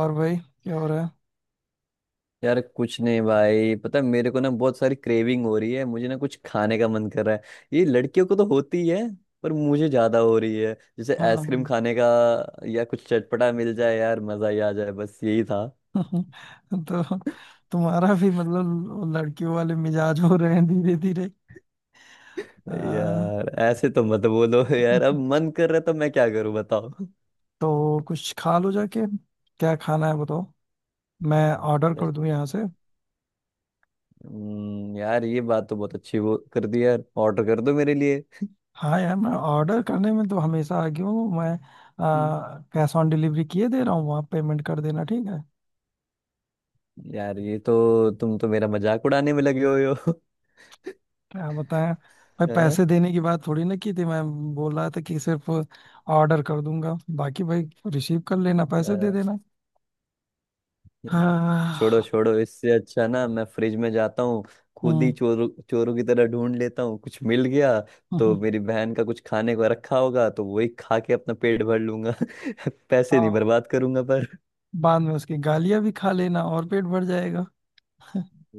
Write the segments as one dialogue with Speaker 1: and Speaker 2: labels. Speaker 1: और भाई क्या हो रहा है।
Speaker 2: यार कुछ नहीं भाई। पता है मेरे को ना बहुत सारी क्रेविंग हो रही है। मुझे ना कुछ खाने का मन कर रहा है। ये लड़कियों को तो होती है पर मुझे ज्यादा हो रही है, जैसे आइसक्रीम
Speaker 1: हाँ।
Speaker 2: खाने का, या कुछ चटपटा मिल जाए यार मजा ही आ जाए। बस यही था।
Speaker 1: तो तुम्हारा भी मतलब लड़कियों वाले मिजाज हो रहे हैं धीरे धीरे। आ,
Speaker 2: यार ऐसे तो मत बोलो। यार अब मन कर रहा है तो मैं क्या करूं बताओ।
Speaker 1: तो कुछ खा लो जाके। क्या खाना है बताओ। मैं ऑर्डर
Speaker 2: यार
Speaker 1: कर दूं यहाँ से।
Speaker 2: हम्म। यार ये बात तो बहुत अच्छी वो कर दी यार। ऑर्डर कर दो मेरे लिए।
Speaker 1: हाँ यार मैं ऑर्डर करने में तो हमेशा आगे हूँ मैं।
Speaker 2: हम्म।
Speaker 1: कैश ऑन डिलीवरी किए दे रहा हूँ वहाँ पेमेंट कर देना ठीक है।
Speaker 2: यार ये तो तुम तो मेरा मजाक उड़ाने में लगे हुए हो।
Speaker 1: क्या बताएं। भाई पैसे देने की बात थोड़ी ना की थी मैं बोल रहा था कि सिर्फ ऑर्डर कर दूंगा बाकी भाई रिसीव कर लेना पैसे दे
Speaker 2: हाँ?
Speaker 1: देना।
Speaker 2: हाँ। छोड़ो
Speaker 1: हाँ।
Speaker 2: छोड़ो, इससे अच्छा ना मैं फ्रिज में जाता हूँ। खुद ही
Speaker 1: हम्म।
Speaker 2: चोरों चोरों की तरह ढूंढ लेता हूँ, कुछ मिल गया तो
Speaker 1: हम्म।
Speaker 2: मेरी बहन का कुछ खाने को रखा होगा तो वही खा के अपना पेट भर लूंगा। पैसे नहीं
Speaker 1: हाँ।
Speaker 2: बर्बाद करूंगा पर।
Speaker 1: बाद में उसकी गालियां भी खा लेना और पेट भर जाएगा।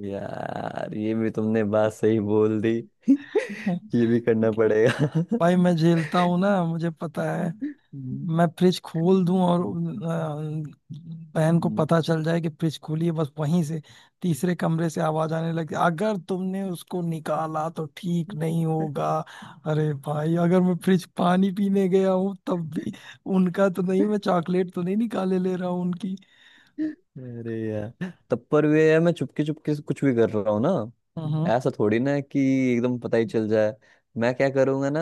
Speaker 2: यार ये भी तुमने बात सही बोल दी। ये भी करना पड़ेगा।
Speaker 1: भाई मैं झेलता हूँ ना मुझे पता है।
Speaker 2: हम्म।
Speaker 1: मैं फ्रिज खोल दूं और
Speaker 2: हम्म।
Speaker 1: बहन को
Speaker 2: हम्म।
Speaker 1: पता चल जाए कि फ्रिज खुली है बस वहीं से। तीसरे कमरे से आवाज आने लगी अगर तुमने उसको निकाला तो ठीक नहीं होगा। अरे भाई अगर मैं फ्रिज पानी पीने गया हूँ तब भी उनका तो नहीं मैं चॉकलेट तो नहीं निकाले ले रहा हूँ उनकी।
Speaker 2: अरे यार, तब पर वे यार मैं चुपके चुपके से कुछ भी कर रहा हूँ ना,
Speaker 1: हम्म।
Speaker 2: ऐसा थोड़ी ना है कि एकदम पता ही चल जाए। मैं क्या करूंगा ना,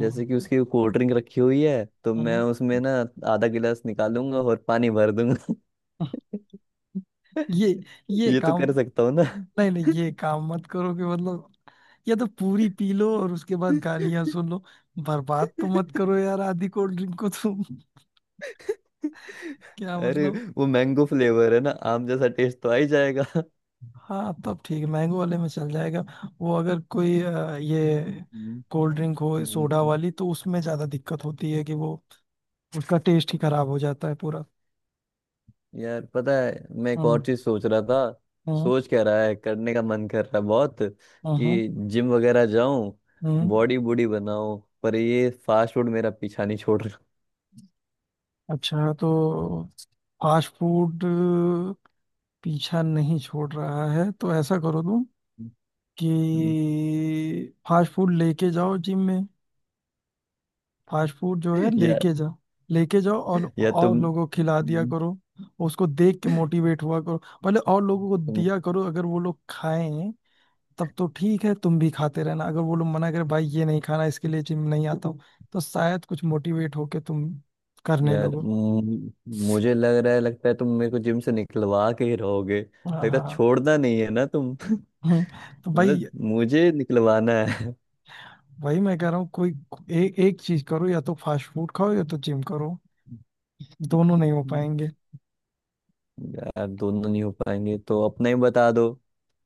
Speaker 2: जैसे कि उसकी कोल्ड ड्रिंक रखी हुई है तो मैं
Speaker 1: हम्म।
Speaker 2: उसमें ना आधा गिलास निकालूंगा और पानी भर दूंगा।
Speaker 1: ये ये
Speaker 2: ये तो
Speaker 1: काम।
Speaker 2: कर सकता हूँ ना।
Speaker 1: नहीं नहीं ये काम मत करो कि मतलब। या तो पूरी पी लो और उसके बाद गालियां सुन लो। बर्बाद तो मत करो यार आधी कोल्ड ड्रिंक को तुम। क्या
Speaker 2: अरे
Speaker 1: मतलब।
Speaker 2: वो मैंगो फ्लेवर है ना, आम जैसा टेस्ट तो आ ही जाएगा।
Speaker 1: हाँ तब ठीक है मैंगो वाले में चल जाएगा। वो अगर कोई ये
Speaker 2: हम्म।
Speaker 1: कोल्ड ड्रिंक हो सोडा
Speaker 2: हम्म।
Speaker 1: वाली तो उसमें ज्यादा दिक्कत होती है कि वो उसका टेस्ट ही खराब हो जाता है पूरा।
Speaker 2: यार पता है, मैं एक और
Speaker 1: हम्म।
Speaker 2: चीज सोच रहा था।
Speaker 1: हम्म।
Speaker 2: सोच क्या रहा है, करने का मन कर रहा है बहुत
Speaker 1: हम्म। हम्म।
Speaker 2: कि जिम वगैरह जाऊं,
Speaker 1: हम्म।
Speaker 2: बॉडी बूडी बनाऊं, पर ये फास्ट फूड मेरा पीछा नहीं छोड़ रहा।
Speaker 1: अच्छा तो फास्ट फूड पीछा नहीं छोड़ रहा है तो ऐसा करो तुम कि फास्ट फूड लेके जाओ जिम में। फास्ट फूड जो है
Speaker 2: यार,
Speaker 1: लेके जाओ। लेके जाओ और
Speaker 2: या
Speaker 1: और
Speaker 2: तुम
Speaker 1: लोगों को खिला दिया
Speaker 2: तुम
Speaker 1: करो। उसको देख के मोटिवेट हुआ करो। पहले और लोगों को दिया करो अगर वो लोग खाएं तब तो ठीक है तुम भी खाते रहना अगर वो लोग मना करे भाई ये नहीं खाना इसके लिए जिम नहीं आता हूँ तो शायद कुछ मोटिवेट होके तुम करने
Speaker 2: यार
Speaker 1: लगो।
Speaker 2: मुझे लग रहा है, लगता है तुम मेरे को जिम से निकलवा के ही रहोगे।
Speaker 1: हाँ
Speaker 2: लगता
Speaker 1: हाँ
Speaker 2: है
Speaker 1: हाँ।
Speaker 2: छोड़ना नहीं है ना तुम।
Speaker 1: हम्म, तो
Speaker 2: मतलब
Speaker 1: भाई
Speaker 2: मुझे निकलवाना
Speaker 1: वही मैं कह रहा हूँ कोई एक चीज करो या तो फास्ट फूड खाओ या तो जिम करो दोनों नहीं हो
Speaker 2: है।
Speaker 1: पाएंगे।
Speaker 2: यार दोनों नहीं हो पाएंगे तो अपना ही बता दो,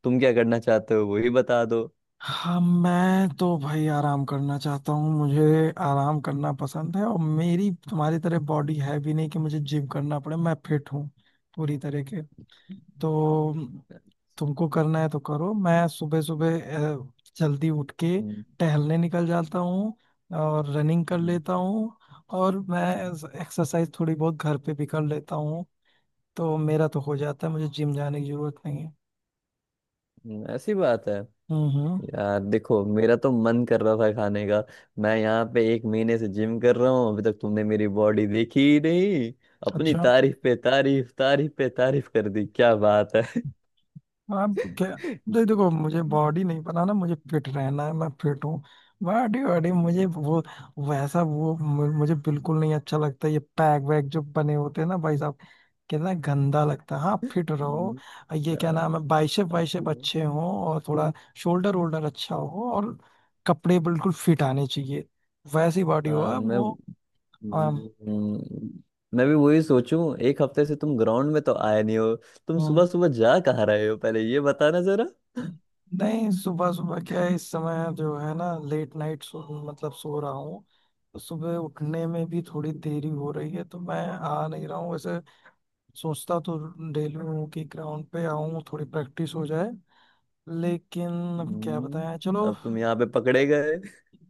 Speaker 2: तुम क्या करना चाहते हो वही बता दो।
Speaker 1: हाँ मैं तो भाई आराम करना चाहता हूँ मुझे आराम करना पसंद है और मेरी तुम्हारी तरह बॉडी है भी नहीं कि मुझे जिम करना पड़े मैं फिट हूँ पूरी तरह के। तो तुमको करना है तो करो मैं सुबह सुबह जल्दी उठ के
Speaker 2: हम्म।
Speaker 1: टहलने निकल जाता हूँ और रनिंग कर
Speaker 2: हम्म।
Speaker 1: लेता हूँ और मैं एक्सरसाइज थोड़ी बहुत घर पे भी कर लेता हूँ तो मेरा तो हो जाता है मुझे जिम जाने की जरूरत नहीं है।
Speaker 2: हम्म। ऐसी बात है।
Speaker 1: हम्म। हम्म।
Speaker 2: यार देखो, मेरा तो मन कर रहा था खाने का। मैं यहाँ पे एक महीने से जिम कर रहा हूँ, अभी तक तुमने मेरी बॉडी देखी ही नहीं। अपनी
Speaker 1: अच्छा
Speaker 2: तारीफ पे तारीफ, तारीफ पे तारीफ कर दी, क्या बात है।
Speaker 1: आप क्या। नहीं देखो मुझे बॉडी नहीं पता ना मुझे फिट रहना है मैं फिट हूँ। बॉडी बॉडी मुझे
Speaker 2: हम्म।
Speaker 1: वो वैसा वो मुझे बिल्कुल नहीं अच्छा लगता ये पैक वैक जो बने होते हैं ना भाई साहब। कितना गंदा लगता है हाँ फिट रहो।
Speaker 2: हम्म।
Speaker 1: ये क्या नाम है
Speaker 2: आ,
Speaker 1: बाइसेप
Speaker 2: आ,
Speaker 1: वाइसेप अच्छे हो और थोड़ा शोल्डर वोल्डर अच्छा हो और कपड़े बिल्कुल फिट आने चाहिए वैसी बॉडी हो
Speaker 2: आ,
Speaker 1: आप, वो
Speaker 2: हम्म, मैं भी वही सोचूं, एक हफ्ते से तुम ग्राउंड में तो आए नहीं हो। तुम
Speaker 1: आ,
Speaker 2: सुबह सुबह जा कहाँ रहे हो, पहले ये बताना जरा।
Speaker 1: नहीं सुबह सुबह क्या है इस समय जो है ना लेट नाइट सो मतलब सो रहा हूँ तो सुबह उठने में भी थोड़ी देरी हो रही है तो मैं आ नहीं रहा हूँ वैसे। सोचता तो डेली हूँ कि ग्राउंड पे आऊँ थोड़ी प्रैक्टिस हो जाए लेकिन अब क्या
Speaker 2: हम्म।
Speaker 1: बताएं चलो।
Speaker 2: अब तुम यहाँ पे पकड़े गए,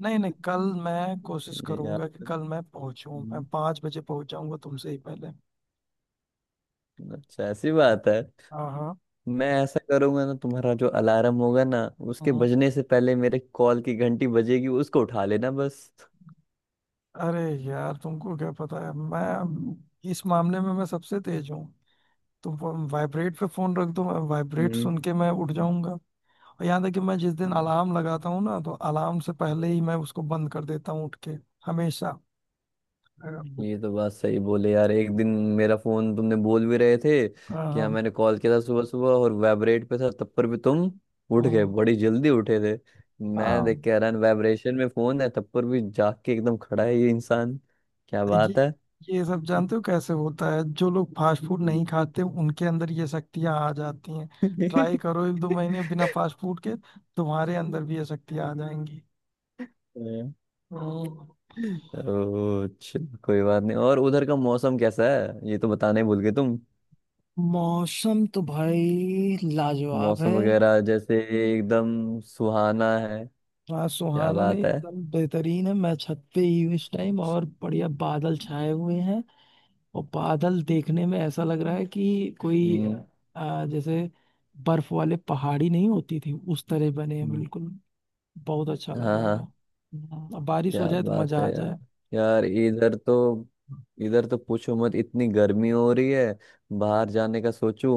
Speaker 1: नहीं नहीं कल मैं कोशिश
Speaker 2: यहाँ
Speaker 1: करूंगा कि
Speaker 2: पे।
Speaker 1: कल मैं पहुंचूं मैं
Speaker 2: हम्म,
Speaker 1: 5 बजे पहुंच जाऊंगा तुमसे ही पहले।
Speaker 2: अच्छा ऐसी बात है।
Speaker 1: हाँ हाँ
Speaker 2: मैं ऐसा करूंगा ना, तुम्हारा जो अलार्म होगा ना, उसके
Speaker 1: हाँ।
Speaker 2: बजने से पहले मेरे कॉल की घंटी बजेगी, उसको उठा लेना बस।
Speaker 1: अरे यार तुमको क्या पता है मैं इस मामले में मैं सबसे तेज हूँ। तो वाइब्रेट पे फोन रख दो वाइब्रेट
Speaker 2: हम्म।
Speaker 1: सुन के मैं उठ
Speaker 2: हम्म।
Speaker 1: जाऊंगा। और यहाँ तक कि मैं जिस दिन अलार्म लगाता हूँ ना तो अलार्म से पहले ही
Speaker 2: हम्म।
Speaker 1: मैं उसको बंद कर देता हूँ उठ के हमेशा। हाँ
Speaker 2: ये तो बात सही बोले यार, एक दिन मेरा फोन तुमने बोल भी रहे थे कि हाँ
Speaker 1: हाँ
Speaker 2: मैंने कॉल किया था सुबह सुबह और वाइब्रेट पे था, तब पर भी तुम उठ गए,
Speaker 1: हाँ
Speaker 2: बड़ी जल्दी उठे थे। मैं देख
Speaker 1: हाँ,
Speaker 2: के हैरान, वाइब्रेशन में फोन है तब पर भी जाग के एकदम खड़ा है ये इंसान, क्या
Speaker 1: ये
Speaker 2: बात है।
Speaker 1: ये सब जानते हो कैसे होता है जो लोग फास्ट फूड नहीं खाते उनके अंदर ये शक्तियाँ आ जाती हैं।
Speaker 2: हाँ।
Speaker 1: ट्राई करो एक दो महीने बिना फास्ट फूड के तुम्हारे अंदर भी ये शक्तियाँ आ जाएंगी। हम्म।
Speaker 2: चलो कोई बात नहीं, और उधर का मौसम कैसा है ये तो बताना ही भूल गए तुम।
Speaker 1: मौसम तो भाई लाजवाब
Speaker 2: मौसम
Speaker 1: है।
Speaker 2: वगैरह जैसे एकदम सुहाना है,
Speaker 1: हाँ
Speaker 2: क्या
Speaker 1: सुहाना नहीं
Speaker 2: बात है।
Speaker 1: एकदम बेहतरीन है मैं छत पे ही हूँ इस टाइम और बढ़िया बादल छाए हुए हैं। और बादल देखने में ऐसा लग रहा है कि कोई
Speaker 2: हम्म।
Speaker 1: जैसे बर्फ वाले पहाड़ी नहीं होती थी उस तरह बने हैं
Speaker 2: हम्म।
Speaker 1: बिल्कुल। बहुत अच्छा लग
Speaker 2: हाँ
Speaker 1: रहा है
Speaker 2: हाँ,
Speaker 1: अब बारिश हो
Speaker 2: क्या
Speaker 1: जाए तो
Speaker 2: बात
Speaker 1: मजा
Speaker 2: है
Speaker 1: आ
Speaker 2: यार।
Speaker 1: जाए।
Speaker 2: यार इधर तो, इधर तो पूछो मत, इतनी गर्मी हो रही है। बाहर जाने का सोचूं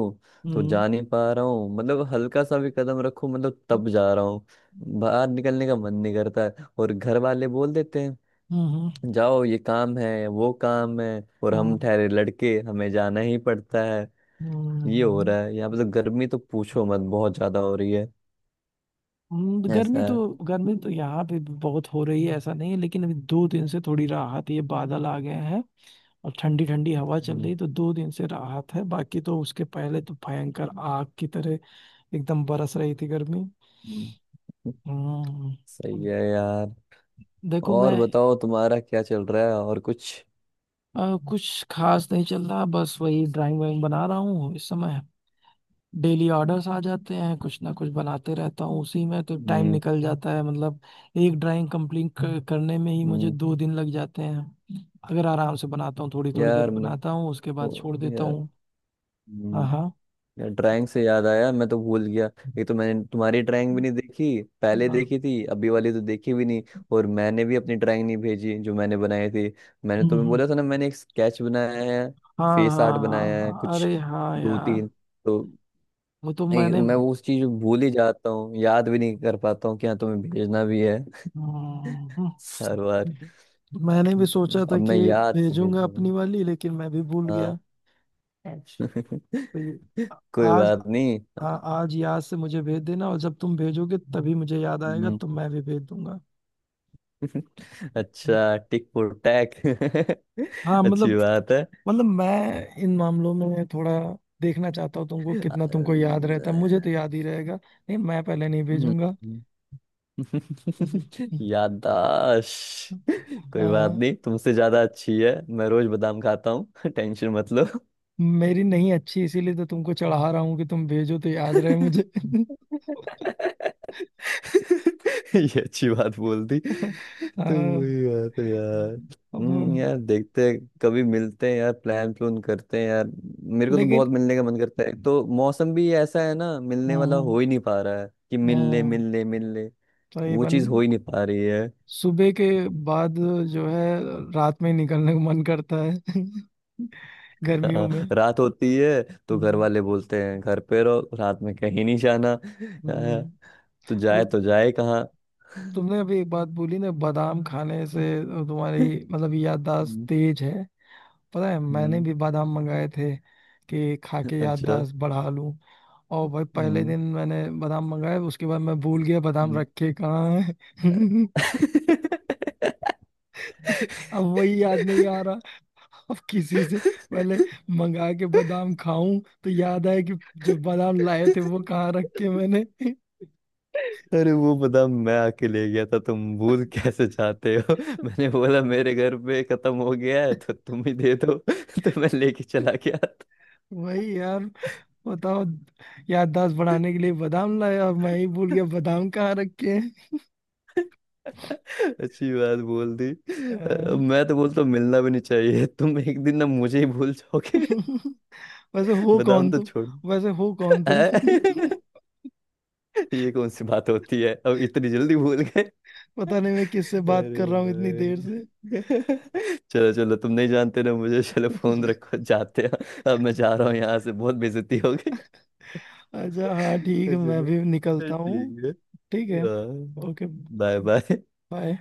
Speaker 2: तो
Speaker 1: हम्म।
Speaker 2: जा नहीं पा रहा हूँ, मतलब हल्का सा भी कदम रखूं मतलब तब जा रहा हूँ, बाहर निकलने का मन नहीं करता है। और घर वाले बोल देते हैं
Speaker 1: हम्म।
Speaker 2: जाओ ये काम है वो काम है, और हम
Speaker 1: हम्म।
Speaker 2: ठहरे लड़के, हमें जाना ही पड़ता है। ये हो
Speaker 1: हम्म।
Speaker 2: रहा है यहाँ पे, तो गर्मी तो पूछो मत, बहुत ज्यादा हो रही है। ऐसा है।
Speaker 1: गर्मी तो यहाँ पे भी बहुत हो रही है ऐसा नहीं है लेकिन अभी 2 दिन से थोड़ी राहत ये बादल आ गए हैं। और ठंडी ठंडी हवा चल
Speaker 2: हम्म।
Speaker 1: रही तो 2 दिन से राहत है बाकी तो उसके पहले तो भयंकर आग की तरह एकदम बरस रही थी गर्मी।
Speaker 2: हम्म।
Speaker 1: हम्म,
Speaker 2: सही है यार।
Speaker 1: देखो मैं
Speaker 2: और बताओ, तुम्हारा क्या चल रहा है, और कुछ।
Speaker 1: कुछ खास नहीं चल रहा बस वही ड्राइंग वाइंग बना रहा हूँ इस समय। डेली ऑर्डर्स आ जाते हैं कुछ ना कुछ बनाते रहता हूँ उसी में तो टाइम
Speaker 2: हम्म।
Speaker 1: निकल जाता है मतलब। एक ड्राइंग कंप्लीट करने में ही मुझे
Speaker 2: हम्म।
Speaker 1: 2 दिन लग जाते हैं। अगर आराम से बनाता हूँ थोड़ी थोड़ी देर
Speaker 2: यार मैं,
Speaker 1: बनाता हूँ उसके
Speaker 2: ओ,
Speaker 1: बाद छोड़ देता
Speaker 2: यार
Speaker 1: हूँ। हाँ
Speaker 2: हम्म।
Speaker 1: हाँ
Speaker 2: यार ड्राइंग से याद आया, मैं तो भूल गया। एक तो मैंने तुम्हारी ड्राइंग भी नहीं देखी, पहले
Speaker 1: हाँ।
Speaker 2: देखी थी, अभी वाली तो देखी भी नहीं। और मैंने भी अपनी ड्राइंग नहीं भेजी जो मैंने बनाई थी। मैंने
Speaker 1: हम्म।
Speaker 2: तुम्हें
Speaker 1: हम्म।
Speaker 2: बोला था ना, मैंने एक स्केच बनाया है,
Speaker 1: हाँ
Speaker 2: फेस
Speaker 1: हाँ
Speaker 2: आर्ट
Speaker 1: हाँ
Speaker 2: बनाया है
Speaker 1: हाँ,
Speaker 2: कुछ,
Speaker 1: अरे हाँ
Speaker 2: दो
Speaker 1: यार।
Speaker 2: तीन। तो
Speaker 1: वो तो मैंने।
Speaker 2: मैं वो उस चीज को भूल ही जाता हूँ, याद भी नहीं कर पाता हूँ कि हाँ तुम्हें भेजना भी है,
Speaker 1: हम्म।
Speaker 2: हर बार।
Speaker 1: मैंने भी
Speaker 2: तो
Speaker 1: सोचा था
Speaker 2: अब
Speaker 1: कि
Speaker 2: मैं याद से भेज
Speaker 1: भेजूंगा अपनी
Speaker 2: दूँ।
Speaker 1: वाली लेकिन मैं भी भूल गया।
Speaker 2: हाँ।
Speaker 1: तो ये-
Speaker 2: कोई
Speaker 1: आज।
Speaker 2: बात नहीं।
Speaker 1: हाँ आज याद से मुझे भेज देना और जब तुम भेजोगे तभी मुझे याद आएगा
Speaker 2: हम्म।
Speaker 1: तो मैं भी भेज दूंगा।
Speaker 2: अच्छा, टिक फॉर टैक।
Speaker 1: हाँ मतलब।
Speaker 2: अच्छी बात है।
Speaker 1: मतलब मैं इन मामलों में थोड़ा देखना चाहता हूँ तुमको कितना तुमको याद
Speaker 2: हम्म।
Speaker 1: रहता है मुझे तो याद ही रहेगा नहीं मैं पहले नहीं भेजूंगा।
Speaker 2: याददाश्त। कोई बात
Speaker 1: हाँ
Speaker 2: नहीं, तुमसे ज्यादा अच्छी है, मैं रोज बादाम खाता हूँ। टेंशन मत लो।
Speaker 1: मेरी नहीं अच्छी इसीलिए तो तुमको चढ़ा रहा हूँ कि तुम भेजो तो याद रहे मुझे।
Speaker 2: ये अच्छी बात बोल दी, तो
Speaker 1: हाँ,
Speaker 2: वही बात है यार। हम्म।
Speaker 1: अब-
Speaker 2: यार देखते हैं, कभी मिलते हैं यार, प्लान प्लून करते हैं यार। मेरे को तो
Speaker 1: लेकिन
Speaker 2: बहुत मिलने का मन करता है, एक तो मौसम भी ऐसा है ना, मिलने वाला
Speaker 1: हम्म
Speaker 2: हो ही नहीं पा रहा है कि मिल ले
Speaker 1: हम्म
Speaker 2: मिल ले मिल ले, वो
Speaker 1: तकरीबन
Speaker 2: चीज हो ही नहीं पा रही है।
Speaker 1: सुबह के बाद जो है रात में ही निकलने का मन करता है। गर्मियों
Speaker 2: हाँ,
Speaker 1: में।
Speaker 2: रात होती है तो घर
Speaker 1: हम्म।
Speaker 2: वाले बोलते हैं घर पे रहो, रात में कहीं नहीं जाना। हाँ,
Speaker 1: हम्म। वो
Speaker 2: तो जाए कहाँ।
Speaker 1: तुमने अभी एक बात बोली ना बादाम खाने से तुम्हारी मतलब याददाश्त
Speaker 2: हम्म।
Speaker 1: तेज है। पता है मैंने
Speaker 2: हम्म।
Speaker 1: भी बादाम मंगाए थे कि खा के
Speaker 2: अच्छा।
Speaker 1: याददाश्त बढ़ा। और भाई पहले
Speaker 2: हम्म।
Speaker 1: दिन मैंने बादाम मंगाए उसके बाद मैं भूल गया बादाम
Speaker 2: हम्म।
Speaker 1: रखे कहाँ है। अब वही याद नहीं आ रहा। अब किसी से पहले मंगा के बादाम खाऊं तो याद आए कि जो बादाम लाए थे वो कहाँ रखे मैंने।
Speaker 2: अरे वो बदाम मैं आके ले गया था, तुम भूल कैसे चाहते हो। मैंने बोला मेरे घर पे खत्म हो गया है तो तुम ही दे दो, तो मैं लेके चला गया था।
Speaker 1: वही यार बताओ याददाश्त बढ़ाने के लिए बादाम लाए और मैं ही भूल गया बादाम कहाँ रखे हैं।
Speaker 2: अच्छी बात बोल दी।
Speaker 1: अ,
Speaker 2: मैं तो बोलता हूँ मिलना भी नहीं चाहिए, तुम एक दिन ना मुझे ही भूल जाओगे।
Speaker 1: वैसे हो
Speaker 2: बादाम
Speaker 1: कौन
Speaker 2: तो
Speaker 1: तुम।
Speaker 2: छोड़।
Speaker 1: वैसे हो कौन तुम।
Speaker 2: अ, ये कौन सी बात होती है, अब इतनी जल्दी भूल।
Speaker 1: पता नहीं मैं किससे बात
Speaker 2: अरे
Speaker 1: कर रहा हूँ इतनी देर से।
Speaker 2: भाई, चलो चलो, तुम नहीं जानते ना मुझे, चलो फोन रखो, जाते हैं, अब मैं जा रहा हूँ यहाँ से, बहुत बेइज्जती हो गई।
Speaker 1: अच्छा हाँ ठीक है मैं
Speaker 2: चलो
Speaker 1: भी निकलता हूँ।
Speaker 2: ठीक है।
Speaker 1: ठीक है।
Speaker 2: हाँ।
Speaker 1: ओके।
Speaker 2: Bye bye.
Speaker 1: बाय